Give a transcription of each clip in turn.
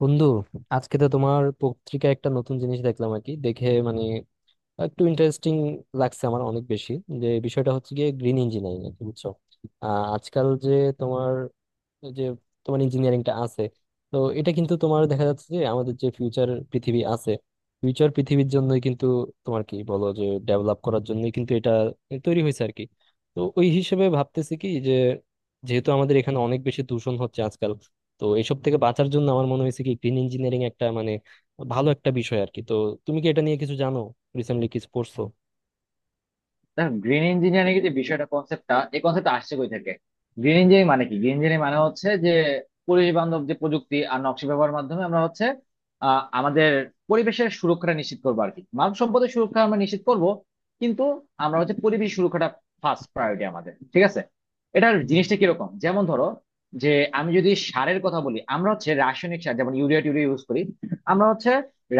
বন্ধু, আজকে তো তোমার পত্রিকায় একটা নতুন জিনিস দেখলাম আর কি। দেখে মানে একটু ইন্টারেস্টিং লাগছে আমার অনেক বেশি। যে বিষয়টা হচ্ছে গিয়ে গ্রিন ইঞ্জিনিয়ারিং আর কি, বুঝছো? আজকাল যে তোমার যে তোমার ইঞ্জিনিয়ারিংটা আছে, তো এটা কিন্তু তোমার দেখা যাচ্ছে যে আমাদের যে ফিউচার পৃথিবী আছে, ফিউচার পৃথিবীর জন্যই কিন্তু তোমার কি বলো যে ডেভেলপ করার জন্যই কিন্তু এটা তৈরি হয়েছে আর কি। তো ওই হিসেবে ভাবতেছি কি, যে যেহেতু আমাদের এখানে অনেক বেশি দূষণ হচ্ছে আজকাল, তো এসব থেকে বাঁচার জন্য আমার মনে হয়েছে কি গ্রিন ইঞ্জিনিয়ারিং একটা মানে ভালো একটা বিষয় আর কি। তো তুমি কি এটা নিয়ে কিছু জানো, রিসেন্টলি কিছু পড়ছো? দেখো, গ্রিন ইঞ্জিনিয়ারিং এর যে বিষয়টা, কনসেপ্টটা, এই কনসেপ্টটা আসছে কই থেকে? গ্রিন ইঞ্জিনিয়ারিং মানে কি? গ্রিন ইঞ্জিনিয়ারিং মানে হচ্ছে যে পরিবেশ বান্ধব যে প্রযুক্তি আর নকশা ব্যবহারের মাধ্যমে আমরা হচ্ছে আমাদের পরিবেশের সুরক্ষাটা নিশ্চিত করবো আর কি, মানব সম্পদের সুরক্ষা আমরা নিশ্চিত করব। কিন্তু আমরা হচ্ছে পরিবেশ সুরক্ষাটা ফার্স্ট প্রায়োরিটি আমাদের, ঠিক আছে। এটার হুম। জিনিসটা কিরকম, যেমন ধরো যে আমি যদি সারের কথা বলি, আমরা হচ্ছে রাসায়নিক সার যেমন ইউরিয়া টিউরিয়া ইউজ করি। আমরা হচ্ছে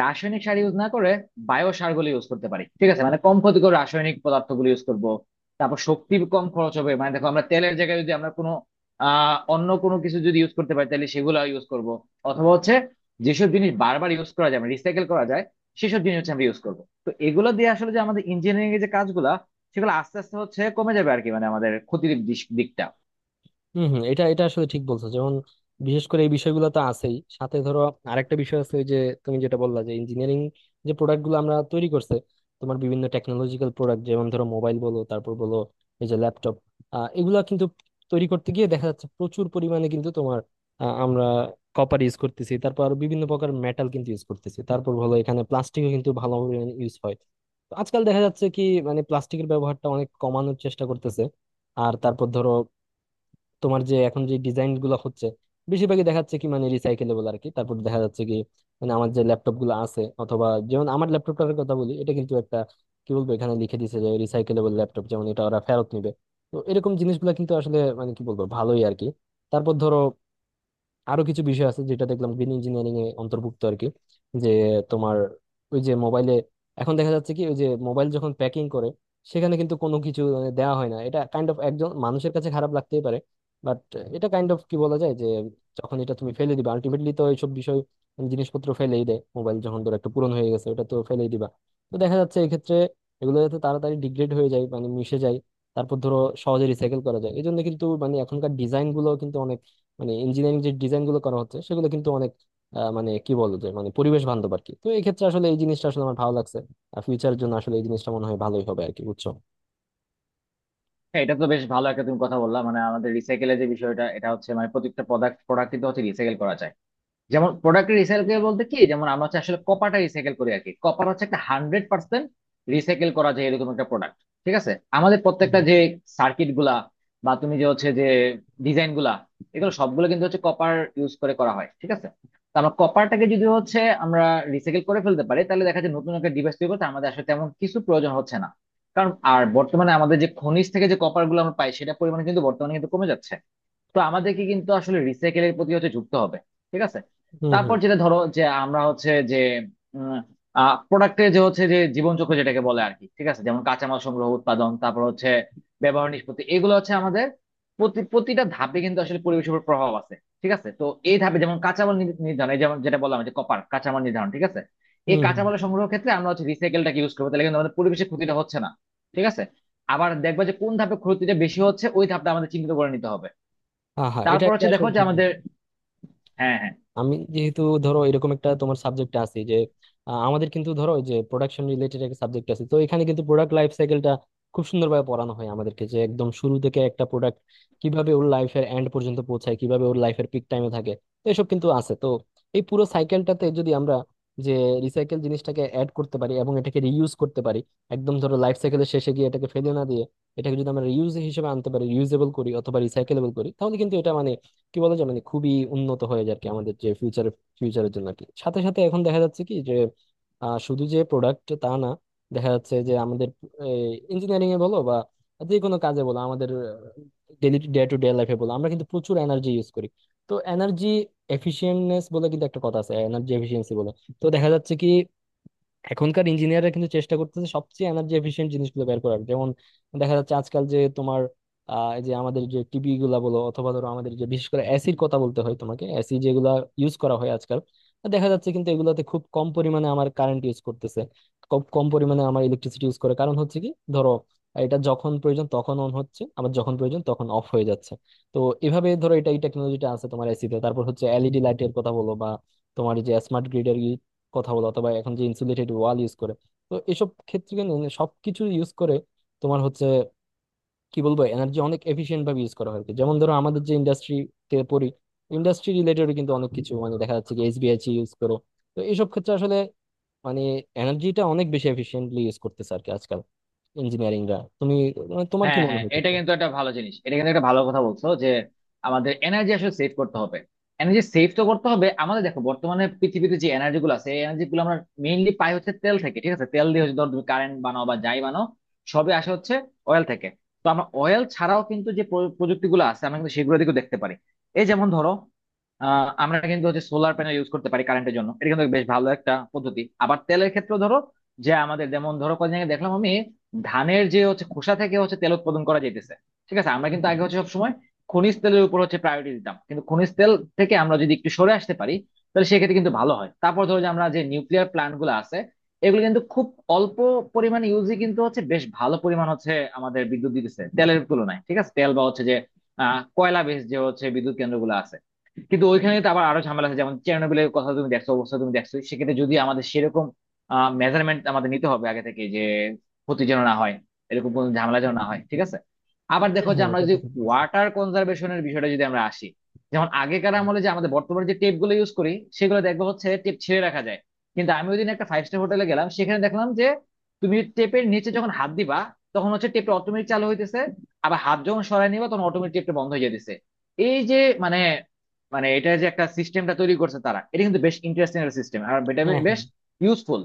রাসায়নিক সার ইউজ না করে বায়ো সারগুলো ইউজ করতে পারি, ঠিক আছে, মানে কম ক্ষতিকর রাসায়নিক পদার্থগুলো ইউজ করব। তারপর শক্তি কম খরচ হবে, মানে দেখো আমরা তেলের জায়গায় যদি আমরা কোনো অন্য কোনো কিছু যদি ইউজ করতে পারি তাহলে সেগুলো ইউজ করব। অথবা হচ্ছে যেসব জিনিস বারবার ইউজ করা যায়, রিসাইকেল করা যায়, সেসব জিনিস হচ্ছে আমরা ইউজ করব। তো এগুলো দিয়ে আসলে যে আমাদের ইঞ্জিনিয়ারিং এর যে কাজগুলা, সেগুলো আস্তে আস্তে হচ্ছে কমে যাবে আর কি, মানে আমাদের ক্ষতির দিকটা। হম হম, এটা এটা আসলে ঠিক বলছো। যেমন বিশেষ করে এই বিষয়গুলো তো আছেই, সাথে ধরো আরেকটা বিষয় আছে, ওই যে তুমি যেটা বললা যে ইঞ্জিনিয়ারিং, যে প্রোডাক্ট গুলো আমরা তৈরি করছে তোমার বিভিন্ন টেকনোলজিক্যাল প্রোডাক্ট, যেমন ধরো মোবাইল বলো, তারপর বলো এই যে ল্যাপটপ। এগুলা কিন্তু তৈরি করতে গিয়ে দেখা যাচ্ছে প্রচুর পরিমাণে কিন্তু তোমার আমরা কপার ইউজ করতেছি, তারপর আরো বিভিন্ন প্রকার মেটাল কিন্তু ইউজ করতেছি, তারপর হলো এখানে প্লাস্টিকও কিন্তু ভালো পরিমাণে ইউজ হয়। তো আজকাল দেখা যাচ্ছে কি মানে প্লাস্টিকের ব্যবহারটা অনেক কমানোর চেষ্টা করতেছে। আর তারপর ধরো তোমার যে এখন যে ডিজাইন গুলো হচ্ছে বেশিরভাগই দেখাচ্ছে কি মানে রিসাইকেলেবল আর কি। তারপর দেখা যাচ্ছে কি মানে আমার যে ল্যাপটপ গুলো আছে অথবা যেমন আমার ল্যাপটপটার কথা বলি, এটা কিন্তু একটা কি বলবো, এখানে লিখে দিছে যে রিসাইকেলেবল ল্যাপটপ, যেমন এটা ওরা ফেরত নিবে। তো এরকম জিনিসগুলো কিন্তু আসলে মানে কি বলবো ভালোই আর কি। তারপর ধরো আরো কিছু বিষয় আছে যেটা দেখলাম গ্রিন ইঞ্জিনিয়ারিং এ অন্তর্ভুক্ত আর কি, যে তোমার ওই যে মোবাইলে এখন দেখা যাচ্ছে কি, ওই যে মোবাইল যখন প্যাকিং করে সেখানে কিন্তু কোনো কিছু মানে দেওয়া হয় না। এটা কাইন্ড অফ একজন মানুষের কাছে খারাপ লাগতেই পারে, বাট এটা কাইন্ড অফ কি বলা যায় যে যখন এটা তুমি ফেলে দিবা আলটিমেটলি, তো এইসব বিষয় জিনিসপত্র ফেলেই দেয়। মোবাইল যখন ধরো একটু পুরনো হয়ে গেছে, ওটা তো ফেলেই দিবা। তো দেখা যাচ্ছে এক্ষেত্রে এগুলো যাতে তাড়াতাড়ি ডিগ্রেড হয়ে যায় মানে মিশে যায়, তারপর ধরো সহজে রিসাইকেল করা যায়, এই জন্য কিন্তু মানে এখনকার ডিজাইন গুলো কিন্তু অনেক মানে ইঞ্জিনিয়ারিং যে ডিজাইন গুলো করা হচ্ছে সেগুলো কিন্তু অনেক মানে কি বলবো যে মানে পরিবেশ বান্ধব আর কি। তো এই ক্ষেত্রে আসলে এই জিনিসটা আসলে আমার ভালো লাগছে। আর ফিউচারের জন্য আসলে এই জিনিসটা মনে হয় ভালোই হবে আর কি, বুঝছো? হ্যাঁ, এটা তো বেশ ভালো একটা তুমি কথা বললা, মানে আমাদের রিসাইকেলের যে বিষয়টা, এটা হচ্ছে মানে প্রত্যেকটা প্রোডাক্ট প্রোডাক্ট কিন্তু হচ্ছে রিসাইকেল করা যায়। যেমন প্রোডাক্ট রিসাইকেল বলতে কি, যেমন আমরা হচ্ছে আসলে কপারটা রিসাইকেল করি আর কি। কপার হচ্ছে একটা 100% রিসাইকেল করা যায় এরকম একটা প্রোডাক্ট, ঠিক আছে। আমাদের প্রত্যেকটা হুম যে সার্কিট গুলা বা তুমি যে হচ্ছে যে ডিজাইন গুলা, এগুলো সবগুলো কিন্তু হচ্ছে কপার ইউজ করে করা হয়, ঠিক আছে। তো আমরা কপারটাকে যদি হচ্ছে আমরা রিসাইকেল করে ফেলতে পারি, তাহলে দেখা যায় নতুন একটা ডিভাইস তৈরি করতে আমাদের আসলে তেমন কিছু প্রয়োজন হচ্ছে না। কারণ আর বর্তমানে আমাদের যে খনিজ থেকে যে কপার গুলো আমরা পাই সেটা পরিমাণে কিন্তু বর্তমানে কিন্তু কমে যাচ্ছে। তো আমাদেরকে কিন্তু আসলে রিসাইকেলের প্রতি হচ্ছে যুক্ত হবে, ঠিক আছে। হুম। তারপর হুম যেটা ধরো যে আমরা হচ্ছে যে প্রোডাক্টের যে হচ্ছে যে জীবনচক্র যেটাকে বলে আর কি, ঠিক আছে, যেমন কাঁচামাল সংগ্রহ, উৎপাদন, তারপর হচ্ছে ব্যবহার, নিষ্পত্তি, এগুলো হচ্ছে আমাদের প্রতিটা ধাপে কিন্তু আসলে পরিবেশের উপর প্রভাব আছে, ঠিক আছে। তো এই ধাপে যেমন কাঁচামাল নির্ধারণ, এই যেমন যেটা বললাম যে কপার কাঁচামাল নির্ধারণ, ঠিক আছে। এই হুম। কাঁচামাল সংগ্রহ ক্ষেত্রে আমরা হচ্ছে রিসাইকেলটাকে ইউজ করবো, তাহলে কিন্তু আমাদের পরিবেশের ক্ষতিটা হচ্ছে না, ঠিক আছে। আবার দেখবা যে কোন ধাপে ক্ষতিটা বেশি হচ্ছে, ওই ধাপটা আমাদের চিহ্নিত করে নিতে হবে। হ্যাঁ হ্যাঁ, এটা তারপর এটা হচ্ছে দেখো আসলে যে ঠিক। আমাদের, হ্যাঁ হ্যাঁ। আমি যেহেতু ধরো এরকম একটা তোমার সাবজেক্ট আছে যে আমাদের কিন্তু ধরো ওই যে প্রোডাকশন রিলেটেড একটা সাবজেক্ট আছে, তো এখানে কিন্তু প্রোডাক্ট লাইফ সাইকেলটা খুব সুন্দরভাবে পড়ানো হয় আমাদেরকে, যে একদম শুরু থেকে একটা প্রোডাক্ট কিভাবে ওর লাইফের এন্ড পর্যন্ত পৌঁছায়, কিভাবে ওর লাইফের পিক টাইমে থাকে, তো এসব কিন্তু আছে। তো এই পুরো সাইকেলটাতে যদি আমরা যে রিসাইকেল জিনিসটাকে অ্যাড করতে পারি এবং এটাকে রিইউজ করতে পারি, একদম ধরো লাইফ সাইকেলের শেষে গিয়ে এটাকে ফেলে না দিয়ে এটাকে যদি আমরা রিউজ হিসেবে আনতে পারি, রিউজেবল করি অথবা রিসাইকেলেবল করি, তাহলে কিন্তু এটা মানে কি বলা চলে না খুবই উন্নত হয়ে যায় আর কি আমাদের যে ফিউচারের জন্য আর কি। সাথে সাথে এখন দেখা যাচ্ছে কি যে শুধু যে প্রোডাক্ট তা না, দেখা যাচ্ছে যে আমাদের ইঞ্জিনিয়ারিং এ বলো বা যে কোনো কাজে বলো, আমাদের ডেলি ডে টু ডে লাইফে বলো, আমরা কিন্তু প্রচুর এনার্জি ইউজ করি। তো এনার্জি এফিশিয়েন্টনেস বলে কিন্তু একটা কথা আছে, এনার্জি এফিশিয়েন্সি বলে। তো দেখা যাচ্ছে কি এখনকার ইঞ্জিনিয়াররা কিন্তু চেষ্টা করতেছে সবচেয়ে এনার্জি এফিশিয়েন্ট জিনিসগুলো বের করার। যেমন দেখা যাচ্ছে আজকাল যে তোমার এই যে আমাদের যে টিভি গুলা বলো অথবা ধরো আমাদের যে বিশেষ করে এসির কথা বলতে হয় তোমাকে, এসি যেগুলা ইউজ করা হয় আজকাল, তো দেখা যাচ্ছে কিন্তু এগুলাতে খুব কম পরিমাণে আমার কারেন্ট ইউজ করতেছে, খুব কম পরিমাণে আমার ইলেকট্রিসিটি ইউজ করে। কারণ হচ্ছে কি ধরো এটা যখন প্রয়োজন তখন অন হচ্ছে, আবার যখন প্রয়োজন তখন অফ হয়ে যাচ্ছে। তো এভাবে ধরো এটা এই টেকনোলজিটা আছে তোমার এসিতে, তারপর হচ্ছে এলইডি লাইটের কথা বলো বা তোমার যে স্মার্ট গ্রিড এর কথা বলা, অথবা এখন যে ইনসুলেটেড ওয়াল ইউজ করে, তো এসব ক্ষেত্রে কিন্তু মানে সবকিছু ইউজ করে তোমার হচ্ছে কি বলবো এনার্জি অনেক এফিশিয়েন্ট ভাবে ইউজ করা হয় আর কি। যেমন ধরো আমাদের যে ইন্ডাস্ট্রিতে পড়ি, ইন্ডাস্ট্রি রিলেটেড কিন্তু অনেক কিছু মানে দেখা যাচ্ছে কি এসবিআইসি ইউজ করো। তো এইসব ক্ষেত্রে আসলে মানে এনার্জিটা অনেক বেশি এফিশিয়েন্টলি ইউজ করতেছে আর কি আজকাল ইঞ্জিনিয়ারিংরা। তুমি মানে তোমার কি হ্যাঁ মনে হ্যাঁ, হয় এটা ক্ষেত্রে? কিন্তু একটা ভালো জিনিস, এটা কিন্তু একটা ভালো কথা বলছো যে আমাদের এনার্জি আসলে সেভ করতে হবে। এনার্জি সেভ তো করতে হবে আমাদের, দেখো বর্তমানে পৃথিবীতে যে এনার্জি গুলো আছে এই এনার্জি গুলো আমরা মেইনলি পাই হচ্ছে তেল থেকে, ঠিক আছে। তেল দিয়ে হচ্ছে ধর তুমি কারেন্ট বানাও বা যাই বানাও, সবই আসে হচ্ছে অয়েল থেকে। তো আমরা অয়েল ছাড়াও কিন্তু যে প্রযুক্তি গুলো আছে আমরা কিন্তু সেগুলো দিকেও দেখতে পারি। এই যেমন ধরো, আমরা কিন্তু হচ্ছে সোলার প্যানেল ইউজ করতে পারি কারেন্টের জন্য, এটা কিন্তু বেশ ভালো একটা পদ্ধতি। আবার তেলের ক্ষেত্রে ধরো যে আমাদের যেমন ধরো কদিন আগে দেখলাম আমি, ধানের যে হচ্ছে খোসা থেকে হচ্ছে তেল উৎপাদন করা যাইতেছে, ঠিক আছে। আমরা কিন্তু আগে হচ্ছে সবসময় খনিজ তেলের উপর হচ্ছে প্রায়োরিটি দিতাম, কিন্তু খনিজ তেল থেকে আমরা যদি একটু সরে আসতে পারি তাহলে সেক্ষেত্রে কিন্তু ভালো হয়। তারপর ধরো যে আমরা যে নিউক্লিয়ার প্ল্যান্ট গুলো আছে এগুলো কিন্তু খুব অল্প পরিমাণে ইউজই, কিন্তু হচ্ছে বেশ ভালো পরিমাণ হচ্ছে আমাদের বিদ্যুৎ দিতেছে তেলের তুলনায়, ঠিক আছে। তেল বা হচ্ছে যে কয়লা বেস যে হচ্ছে বিদ্যুৎ কেন্দ্রগুলো আছে, কিন্তু ওইখানে তো আবার আরো ঝামেলা আছে, যেমন চেরনোবিলের কথা তুমি দেখছো, অবস্থা তুমি দেখছো। সেক্ষেত্রে যদি আমাদের সেরকম মেজারমেন্ট আমাদের নিতে হবে আগে থেকে, যে ক্ষতি যেন না হয়, এরকম কোনো ঝামেলা যেন না হয়, ঠিক আছে। আবার হ্যাঁ দেখো যে হ্যাঁ, আমরা এটা যদি তো ঠিক বলছো। ওয়াটার কনজারভেশনের বিষয়টা যদি আমরা আসি। যেমন আগেকার আমলে যে আমাদের বর্তমানে যে টেপ গুলো ইউজ করি সেগুলো দেখবো হচ্ছে টেপ ছিঁড়ে রাখা যায়। কিন্তু আমি ওই দিন একটা ফাইভ স্টার হোটেলে গেলাম, সেখানে দেখলাম যে তুমি টেপের নিচে যখন হাত দিবা তখন হচ্ছে টেপটা অটোমেটিক চালু হইতেছে, আবার হাত যখন সরায় নিবা তখন অটোমেটিক টেপটা বন্ধ হয়ে যেতেছে। এই যে, মানে, এটা যে একটা সিস্টেমটা তৈরি করছে তারা, এটা কিন্তু বেশ ইন্টারেস্টিং একটা সিস্টেম, আর এটা হ্যাঁ বেশ হ্যাঁ, ইউজফুল।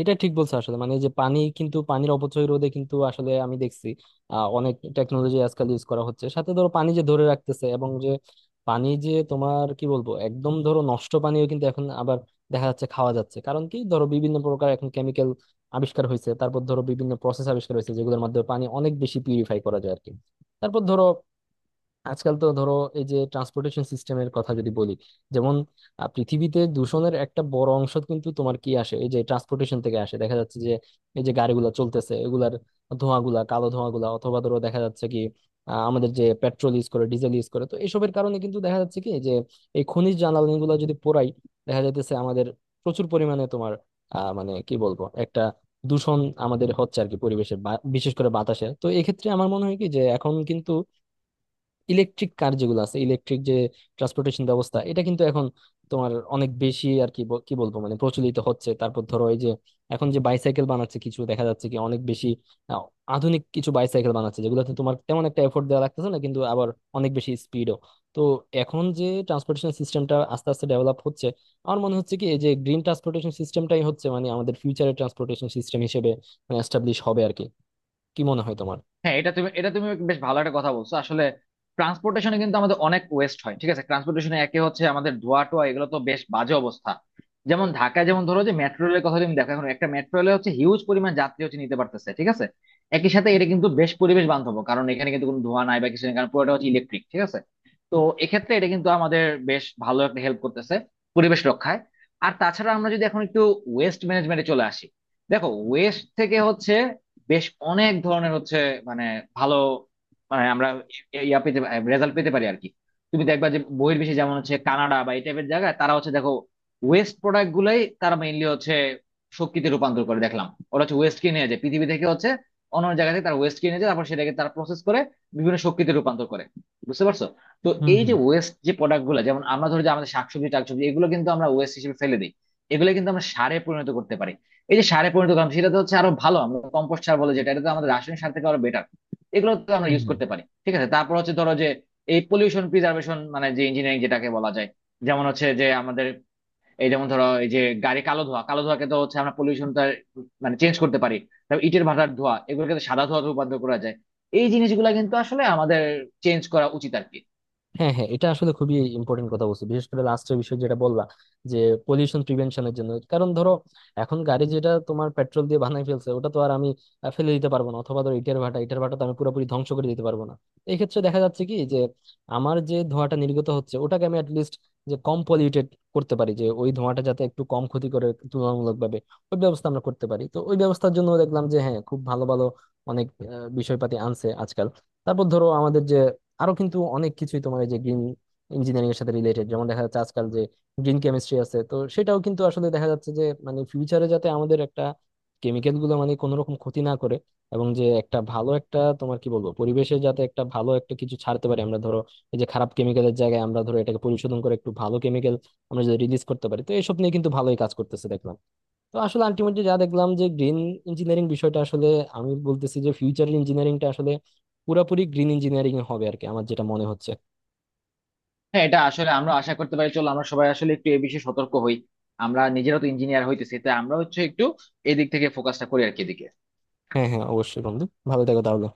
এটা ঠিক বলছো আসলে। মানে যে পানি কিন্তু, পানির অপচয় রোধে কিন্তু আসলে আমি দেখছি অনেক টেকনোলজি আজকাল ইউজ করা হচ্ছে। সাথে ধরো পানি যে ধরে রাখতেছে, এবং যে পানি যে তোমার কি বলবো একদম ধরো নষ্ট পানিও কিন্তু এখন আবার দেখা যাচ্ছে খাওয়া যাচ্ছে। কারণ কি ধরো বিভিন্ন প্রকার এখন কেমিক্যাল আবিষ্কার হয়েছে, তারপর ধরো বিভিন্ন প্রসেস আবিষ্কার হয়েছে যেগুলোর মাধ্যমে পানি অনেক বেশি পিউরিফাই করা যায় আর কি। তারপর ধরো আজকাল তো ধরো এই যে ট্রান্সপোর্টেশন সিস্টেমের কথা যদি বলি, যেমন পৃথিবীতে দূষণের একটা বড় অংশ কিন্তু তোমার কি আসে এই যে ট্রান্সপোর্টেশন থেকে আসে। দেখা যাচ্ছে যে এই যে গাড়িগুলো চলতেছে এগুলার ধোঁয়াগুলা, কালো ধোঁয়াগুলা, অথবা ধরো দেখা যাচ্ছে কি আমাদের যে পেট্রোল ইউজ করে ডিজেল ইউজ করে, তো এসবের কারণে কিন্তু দেখা যাচ্ছে কি যে এই খনিজ জ্বালানিগুলো যদি পোড়াই, দেখা যাইতেছে আমাদের প্রচুর পরিমাণে তোমার মানে কি বলবো একটা দূষণ আমাদের হচ্ছে আর কি পরিবেশে, বিশেষ করে বাতাসে। তো এক্ষেত্রে আমার মনে হয় কি যে এখন কিন্তু ইলেকট্রিক কার যেগুলো আছে, ইলেকট্রিক যে ট্রান্সপোর্টেশন ব্যবস্থা, এটা কিন্তু এখন তোমার অনেক বেশি আর কি কি বলবো মানে প্রচলিত হচ্ছে। তারপর ধরো এই যে এখন যে বাইসাইকেল বানাচ্ছে কিছু দেখা যাচ্ছে কি অনেক বেশি আহ, আধুনিক কিছু বাইসাইকেল বানাচ্ছে যেগুলোতে তোমার তেমন একটা এফোর্ট দেওয়া লাগতেছে না কিন্তু আবার অনেক বেশি স্পিডও। তো এখন যে ট্রান্সপোর্টেশন সিস্টেমটা আস্তে আস্তে ডেভেলপ হচ্ছে, আমার মনে হচ্ছে কি এই যে গ্রিন ট্রান্সপোর্টেশন সিস্টেমটাই হচ্ছে মানে আমাদের ফিউচারের ট্রান্সপোর্টেশন সিস্টেম হিসেবে এস্টাবলিশ হবে আর কি। কি মনে হয় তোমার? হ্যাঁ, এটা তুমি বেশ ভালো একটা কথা বলছো আসলে। ট্রান্সপোর্টেশনে কিন্তু আমাদের অনেক ওয়েস্ট হয়, ঠিক আছে। ট্রান্সপোর্টেশনে একে হচ্ছে আমাদের ধোয়া টোয়া এগুলো তো বেশ বাজে অবস্থা। যেমন ঢাকায় যেমন ধরো যে মেট্রো রেলের কথা তুমি দেখো, এখন একটা মেট্রো রেলে হচ্ছে হিউজ পরিমাণ যাত্রী হচ্ছে নিতে পারতেছে, ঠিক আছে। একই সাথে এটা কিন্তু বেশ পরিবেশ বান্ধব, কারণ এখানে কিন্তু কোনো ধোঁয়া নাই বা কিছু নেই, কারণ পুরোটা হচ্ছে ইলেকট্রিক, ঠিক আছে। তো এক্ষেত্রে এটা কিন্তু আমাদের বেশ ভালো একটা হেল্প করতেছে পরিবেশ রক্ষায়। আর তাছাড়া আমরা যদি এখন একটু ওয়েস্ট ম্যানেজমেন্টে চলে আসি, দেখো ওয়েস্ট থেকে হচ্ছে বেশ অনেক ধরনের হচ্ছে মানে ভালো মানে আমরা ইয়া পেতে রেজাল্ট পেতে পারি আর কি। তুমি দেখবা যে বহির্বিশ্বে যেমন হচ্ছে কানাডা বা এই টাইপের জায়গায় তারা হচ্ছে দেখো ওয়েস্ট প্রোডাক্ট গুলাই তারা মেইনলি হচ্ছে শক্তিতে রূপান্তর করে দেখলাম। ওরা হচ্ছে ওয়েস্ট কিনে নিয়ে যায় পৃথিবী থেকে হচ্ছে অন্য অন্য জায়গা থেকে, তারা ওয়েস্ট কিনে নিয়ে যায় তারপর সেটাকে তারা প্রসেস করে বিভিন্ন শক্তিতে রূপান্তর করে। বুঝতে পারছো? তো এই যে হম ওয়েস্ট যে প্রোডাক্ট গুলো, যেমন আমরা ধরো যে আমাদের শাকসবজি টাকসবজি এগুলো কিন্তু আমরা ওয়েস্ট হিসেবে ফেলে দিই, এগুলো কিন্তু আমরা সারে পরিণত করতে পারি। এই যে সারে পরিণত করলাম সেটা তো হচ্ছে আরো ভালো, আমরা কম্পোস্ট সার বলে যেটা, এটা তো আমাদের রাসায়নিক সার থেকে আরো বেটার। এগুলো তো আমরা ইউজ হম। করতে পারি, ঠিক আছে। তারপর হচ্ছে ধরো যে এই পলিউশন প্রিজার্ভেশন মানে যে ইঞ্জিনিয়ারিং যেটাকে বলা যায়, যেমন হচ্ছে যে আমাদের এই যেমন ধরো এই যে গাড়ি কালো ধোঁয়া, কালো ধোঁয়াকে তো হচ্ছে আমরা পলিউশনটা মানে চেঞ্জ করতে পারি। তারপর ইটের ভাটার ধোঁয়া, এগুলোকে তো সাদা ধোঁয়াতে রূপান্তর করা যায়। এই জিনিসগুলো কিন্তু আসলে আমাদের চেঞ্জ করা উচিত আর কি। হ্যাঁ হ্যাঁ, এটা আসলে খুবই ইম্পর্টেন্ট কথা বলছো, বিশেষ করে লাস্টের বিষয় যেটা বললা যে পলিউশন প্রিভেনশনের জন্য। কারণ ধরো এখন গাড়ি যেটা তোমার পেট্রোল দিয়ে বানাই ফেলছে ওটা তো আর আমি ফেলে দিতে পারবো না, অথবা ধরো ইটের ভাটা তো আমি পুরোপুরি ধ্বংস করে দিতে পারবো না। এই ক্ষেত্রে দেখা যাচ্ছে কি যে আমার যে ধোঁয়াটা নির্গত হচ্ছে ওটাকে আমি অ্যাটলিস্ট যে কম পলিউটেড করতে পারি, যে ওই ধোঁয়াটা যাতে একটু কম ক্ষতি করে তুলনামূলক ভাবে, ওই ব্যবস্থা আমরা করতে পারি। তো ওই ব্যবস্থার জন্য দেখলাম যে হ্যাঁ, খুব ভালো ভালো অনেক বিষয়পাতি আনছে আজকাল। তারপর ধরো আমাদের যে আরো কিন্তু অনেক কিছুই তোমার এই যে গ্রিন ইঞ্জিনিয়ারিং এর সাথে রিলেটেড, যেমন দেখা যাচ্ছে আজকাল যে গ্রিন কেমিস্ট্রি আছে, তো সেটাও কিন্তু আসলে দেখা যাচ্ছে যে মানে ফিউচারে যাতে আমাদের একটা কেমিক্যাল গুলো মানে কোনো রকম ক্ষতি না করে, এবং যে একটা ভালো একটা তোমার কি বলবো পরিবেশে যাতে একটা ভালো একটা কিছু ছাড়তে পারি আমরা। ধরো এই যে খারাপ কেমিক্যালের জায়গায় আমরা ধরো এটাকে পরিশোধন করে একটু ভালো কেমিক্যাল আমরা যদি রিলিজ করতে পারি, তো এসব নিয়ে কিন্তু ভালোই কাজ করতেছে দেখলাম। তো আসলে আলটিমেটলি যা দেখলাম যে গ্রিন ইঞ্জিনিয়ারিং বিষয়টা আসলে, আমি বলতেছি যে ফিউচারের ইঞ্জিনিয়ারিংটা আসলে পুরোপুরি গ্রিন ইঞ্জিনিয়ারিং হবে আর কি, আমার যেটা মনে হচ্ছে। হ্যাঁ, এটা আসলে আমরা আশা করতে পারি। চলো আমরা সবাই আসলে একটু এ বিষয়ে সতর্ক হই। আমরা নিজেরা তো ইঞ্জিনিয়ার হইতেছি, তাই আমরা হচ্ছে একটু এদিক থেকে ফোকাসটা করি আর কি, এদিকে। হ্যাঁ হ্যাঁ, অবশ্যই বন্ধু। ভালো থেকো তাহলে।